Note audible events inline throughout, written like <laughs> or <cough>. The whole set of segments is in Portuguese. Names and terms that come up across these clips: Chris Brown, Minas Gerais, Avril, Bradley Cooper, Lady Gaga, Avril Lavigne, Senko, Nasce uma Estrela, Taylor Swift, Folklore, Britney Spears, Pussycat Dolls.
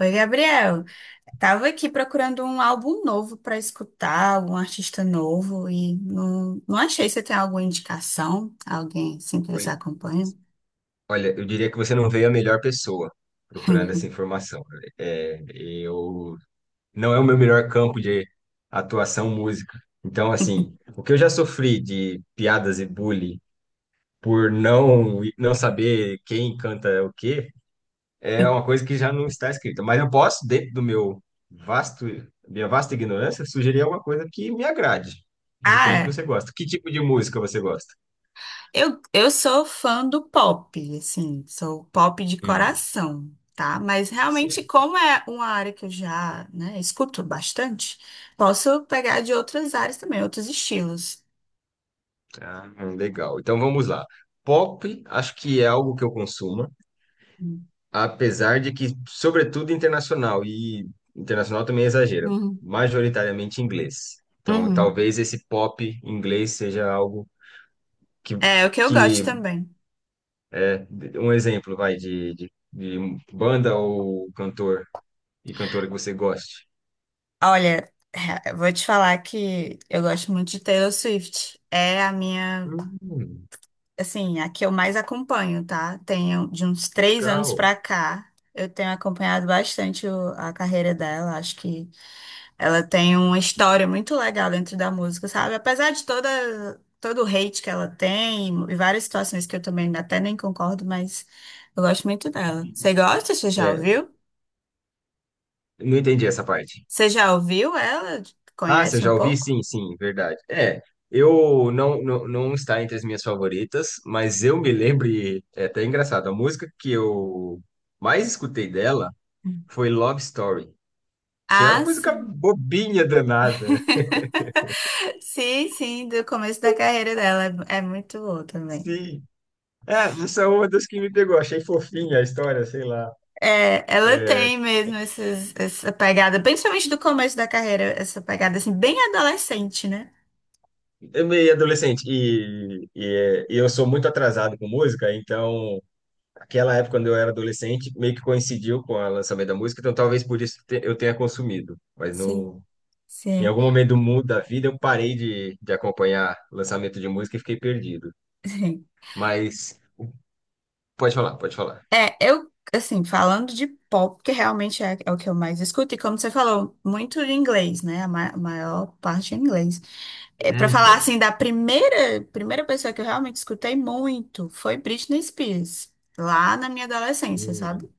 Oi, Gabriel. Tava aqui procurando um álbum novo para escutar, um artista novo, e não achei. Você tem alguma indicação? Alguém assim que você Oi. acompanha? Olha, eu diria que você não veio a melhor pessoa procurando essa informação, né? É, eu não é o meu melhor campo de atuação música. Então, assim, <laughs> o que eu já sofri de piadas e bullying por não saber quem canta o quê, é uma coisa que já não está escrita. Mas eu posso, dentro do meu vasto minha vasta ignorância, sugerir alguma coisa que me agrade. De repente Ah, você gosta. Que tipo de música você gosta? eu sou fã do pop, assim, sou pop de Hum. coração, tá? Mas realmente, como é uma área que eu já, né, escuto bastante, posso pegar de outras áreas também, outros estilos. Ah, legal. Então vamos lá. Pop, acho que é algo que eu consumo, apesar de que, sobretudo internacional, e internacional também é exagero, Uhum. majoritariamente inglês. Então Uhum. talvez esse pop inglês seja algo que, É o que eu gosto que também. é, um exemplo, vai, de banda ou cantor e cantora que você goste. Olha, eu vou te falar que eu gosto muito de Taylor Swift. É a minha, Hum, assim, a que eu mais acompanho, tá? Tenho de uns 3 anos legal. pra cá. Eu tenho acompanhado bastante a carreira dela. Acho que ela tem uma história muito legal dentro da música, sabe? Apesar de todo o hate que ela tem e várias situações que eu também até nem concordo, mas eu gosto muito dela. Você gosta? Você já É, ouviu? não entendi essa parte. Você já ouviu ela? Ah, você Conhece um já ouvi? pouco? Sim, sim, verdade. É, eu não está entre as minhas favoritas, mas eu me lembro, e é até engraçado, a música que eu mais escutei dela foi Love Story, que é uma Ah, música sim. bobinha danada. <laughs> Sim, do começo da carreira dela. É muito boa também. Sim. É, essa é uma das que me pegou, achei fofinha a história, sei lá. É, ela tem mesmo essa pegada, principalmente do começo da carreira, essa pegada assim, bem adolescente, né? É meio adolescente e eu sou muito atrasado com música, então aquela época, quando eu era adolescente, meio que coincidiu com o lançamento da música, então talvez eu tenha consumido. Mas Sim. no, em Sim, algum momento do mundo da vida, eu parei de acompanhar o lançamento de música e fiquei perdido. sim. Mas pode falar, pode falar. É, eu, assim, falando de pop, que realmente é o que eu mais escuto, e como você falou, muito em inglês, né? A maior parte em inglês. É, É, para falar então. assim da primeira pessoa que eu realmente escutei muito foi Britney Spears, lá na minha adolescência, sabe? Hum,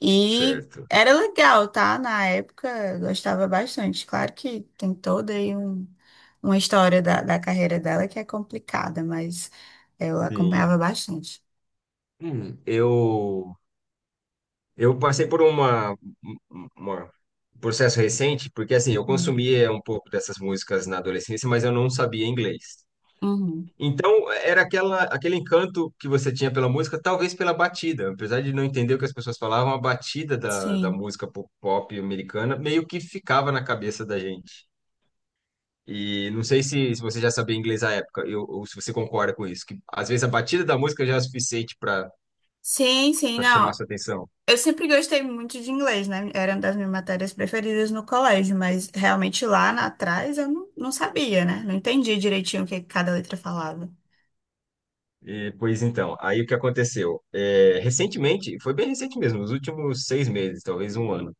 E certo. era legal, tá? Na época eu gostava bastante. Claro que tem toda aí uma história da carreira dela que é complicada, mas eu acompanhava Sim. bastante. Hum, eu, eu passei por uma- um processo recente, porque assim, eu Hum. consumia um pouco dessas músicas na adolescência, mas eu não sabia inglês. Uhum. Então, aquele encanto que você tinha pela música, talvez pela batida. Apesar de não entender o que as pessoas falavam, a batida da Sim. música pop, pop americana meio que ficava na cabeça da gente. E não sei se, se você já sabia inglês à época, ou se você concorda com isso, que às vezes a batida da música já é o suficiente para Sim, sim, chamar não. sua atenção. Eu sempre gostei muito de inglês, né? Era uma das minhas matérias preferidas no colégio, mas realmente lá atrás eu não sabia, né? Não entendia direitinho o que cada letra falava. E, pois então, aí o que aconteceu? É, recentemente, foi bem recente mesmo, nos últimos 6 meses, talvez um ano.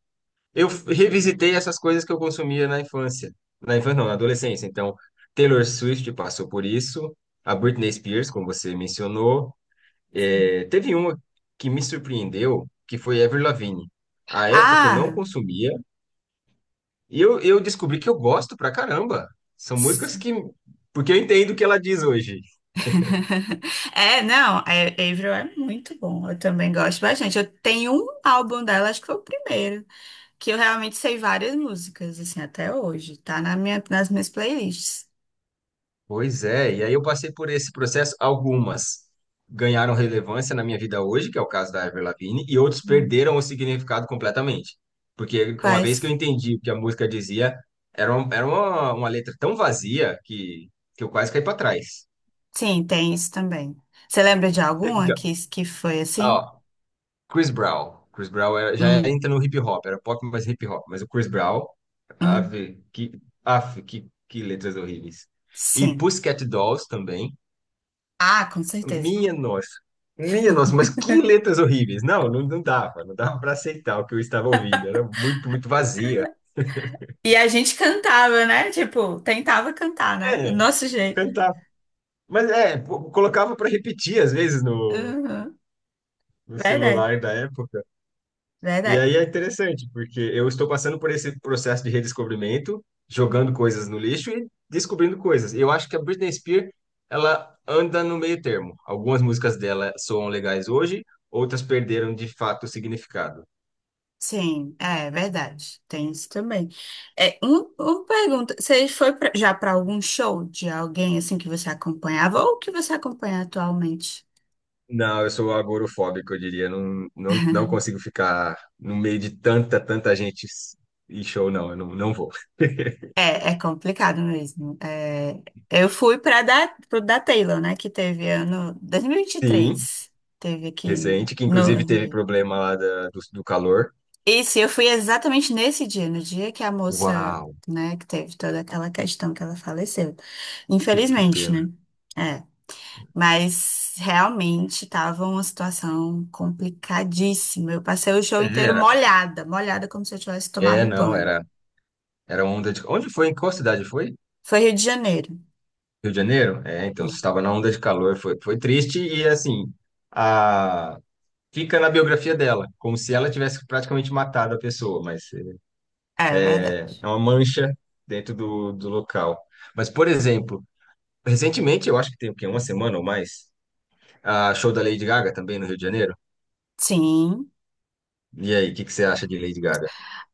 Eu revisitei essas coisas que eu consumia na infância. Na infância, não, na adolescência. Então, Taylor Swift passou por isso, a Britney Spears, como você mencionou. É, teve uma que me surpreendeu, que foi Avril Lavigne. À época eu não Ah! consumia, e eu descobri que eu gosto pra caramba. São s- músicas que. Porque eu entendo o que ela diz hoje. <laughs> É, não, a- Avril é muito bom. Eu também gosto bastante. Eu tenho um álbum dela, acho que foi o primeiro, que eu realmente sei várias músicas, assim, até hoje. Tá na nas minhas playlists. Pois é, e aí eu passei por esse processo. Algumas ganharam relevância na minha vida hoje, que é o caso da Avril Lavigne, e outros Hum. perderam o significado completamente. Porque uma vez que Quais? eu entendi o que a música dizia, era uma letra tão vazia que eu quase caí para trás. Sim, tem isso também. Você lembra de <laughs> alguma Então, que foi assim? ó, Chris Brown. Chris Brown era- já Hum, entra no hip hop, era pop, mas hip hop. Mas o Chris Brown, hum, ave, que, af, que letras horríveis. E sim. Pussycat Dolls também. Ah, com certeza. Minha nossa. Minha nossa, mas que letras horríveis. Não dava, para aceitar o que eu estava ouvindo. Era muito, muito vazia. E a gente cantava, né? Tipo, tentava cantar, né? Do É, nosso jeito. cantar. Mas é, pô, colocava para repetir às vezes no Uhum. no Verdade, celular da época. E verdade. aí é interessante, porque eu estou passando por esse processo de redescobrimento, jogando coisas no lixo e descobrindo coisas. Eu acho que a Britney Spears, ela anda no meio termo. Algumas músicas dela soam legais hoje, outras perderam de fato o significado. Sim, é verdade. Tem isso também. É, uma pergunta. Você foi já para algum show de alguém assim que você acompanhava ou que você acompanha atualmente? Não, eu sou agorofóbico, eu diria. Não consigo ficar no meio de tanta, tanta gente e show, não. Eu não vou. <laughs> É, é complicado mesmo. É, eu fui pro da Taylor, né? Que teve ano dois mil e vinte e Sim, três. Teve aqui recente, que no inclusive teve Rio. problema lá do calor. E se eu fui exatamente nesse dia, no dia que a moça, Uau, né, que teve toda aquela questão que ela faleceu. Que Infelizmente, pena. né? É. Mas realmente tava uma situação complicadíssima. Eu passei o show É, inteiro Era, molhada, molhada como se eu tivesse tomado não, banho. Era onda de. Onde foi? Em qual cidade foi? Foi Rio de Janeiro. Rio de Janeiro? É, então, você estava na onda de calor, foi, triste e assim, a, fica na biografia dela, como se ela tivesse praticamente matado a pessoa, mas É verdade. é uma mancha dentro do local. Mas, por exemplo, recentemente, eu acho que tem o quê? Uma semana ou mais, a show da Lady Gaga também no Rio de Janeiro. Sim. E aí, o que que você acha de Lady Gaga?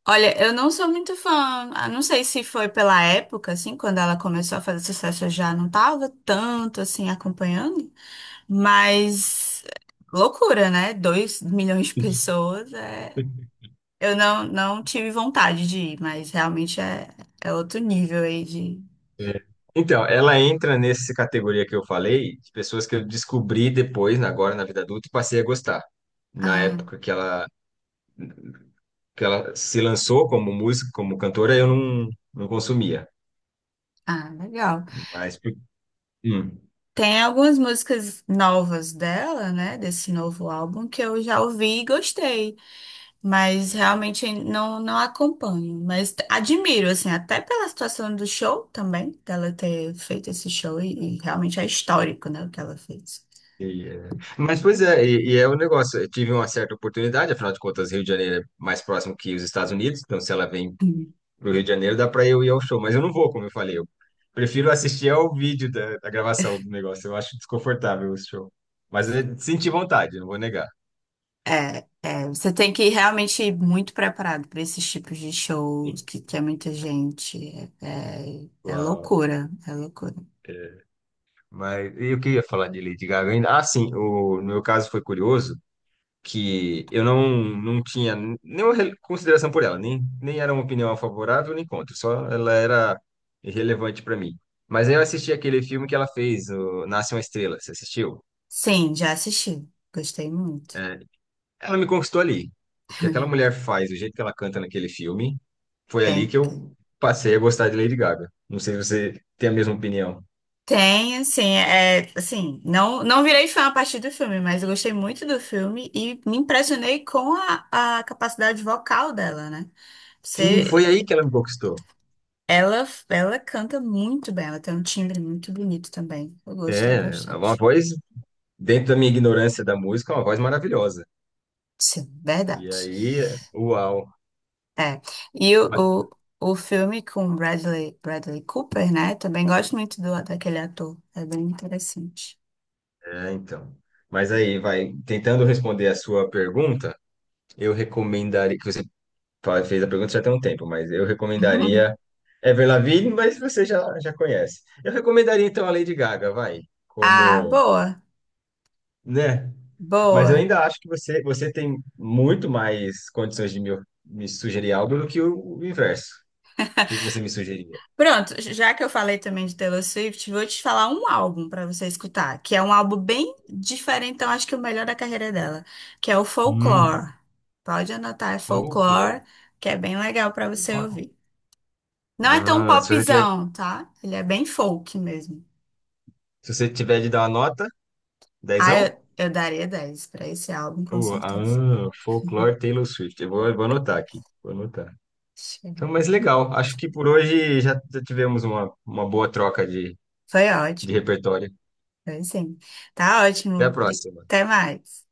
Olha, eu não sou muito fã. Não sei se foi pela época, assim, quando ela começou a fazer sucesso, eu já não tava tanto assim acompanhando. Mas loucura, né? 2 milhões de pessoas é... Eu não tive vontade de ir, mas realmente é outro nível aí de. É. Então, ela entra nessa categoria que eu falei, de pessoas que eu descobri depois, agora na vida adulta, e passei a gostar. Na Ah, época que ela se lançou como música, como cantora, eu não consumia. Legal. Mas, por- hum. Tem algumas músicas novas dela, né? Desse novo álbum que eu já ouvi e gostei, mas realmente não acompanho. Mas admiro, assim, até pela situação do show também, dela ter feito esse show e realmente é histórico, né? O que ela fez. E, é. Mas, pois é, e é o negócio. Eu tive uma certa oportunidade, afinal de contas, Rio de Janeiro é mais próximo que os Estados Unidos, então se ela vem pro Rio de Janeiro, dá para eu ir ao show, mas eu não vou, como eu falei. Eu prefiro assistir ao vídeo da gravação do negócio, eu acho desconfortável o show. Mas eu senti vontade, não vou negar. Você tem que realmente ir muito preparado para esses tipos de shows que, tem muita gente. É Uau. loucura, é loucura. Mas e o que eu ia falar de Lady Gaga ainda? Ah, sim, o, no meu caso foi curioso. Que eu não tinha consideração por ela, nem era uma opinião favorável nem contra, só ela era irrelevante para mim. Mas aí eu assisti aquele filme que ela fez, o Nasce uma Estrela, você assistiu? Sim, já assisti. Gostei muito. É, ela me conquistou ali. O que aquela <laughs> mulher faz, o jeito que ela canta naquele filme, foi ali Tem, que tem, eu passei a gostar de Lady Gaga. Não sei se você tem a mesma opinião. Tem, assim, não virei fã a partir do filme, mas eu gostei muito do filme e me impressionei com a capacidade vocal dela, né? Sim, Você, foi aí que ela me conquistou. Ela canta muito bem, ela tem um timbre muito bonito também. Eu gostei É, é uma bastante. voz, dentro da minha ignorância da música, é uma voz maravilhosa. Sim, E verdade. aí, uau. É. E o, o filme com Bradley Cooper, né? Também gosto muito daquele ator. É bem interessante. É, então. Mas aí, vai, tentando responder a sua pergunta, eu recomendaria, que você fez a pergunta já tem um tempo, mas eu recomendaria <laughs> Ever Lavigne, mas você já conhece. Eu recomendaria então a Lady Gaga, vai, Ah, como, boa, né? Mas eu boa. ainda acho que você tem muito mais condições de me, sugerir algo do que o, inverso. O que que você me sugeriria? Pronto, já que eu falei também de Taylor Swift, vou te falar um álbum para você escutar, que é um álbum bem diferente, então acho que é o melhor da carreira dela, que é o Hum, Folklore. Pode anotar, é folclore. Folklore, que é bem legal para você Uau. ouvir. Não é tão Ah, se você tiver, popzão, tá? Ele é bem folk mesmo. De dar uma nota, Ah, dezão? eu daria 10 para esse álbum, com O, certeza. ah, folklore, Taylor Swift. Eu vou anotar aqui. Vou anotar. Chega. Então, mas legal. Acho que por hoje já tivemos uma, boa troca de, Foi ótimo. repertório. Foi sim. Tá Até a ótimo. próxima. Até mais.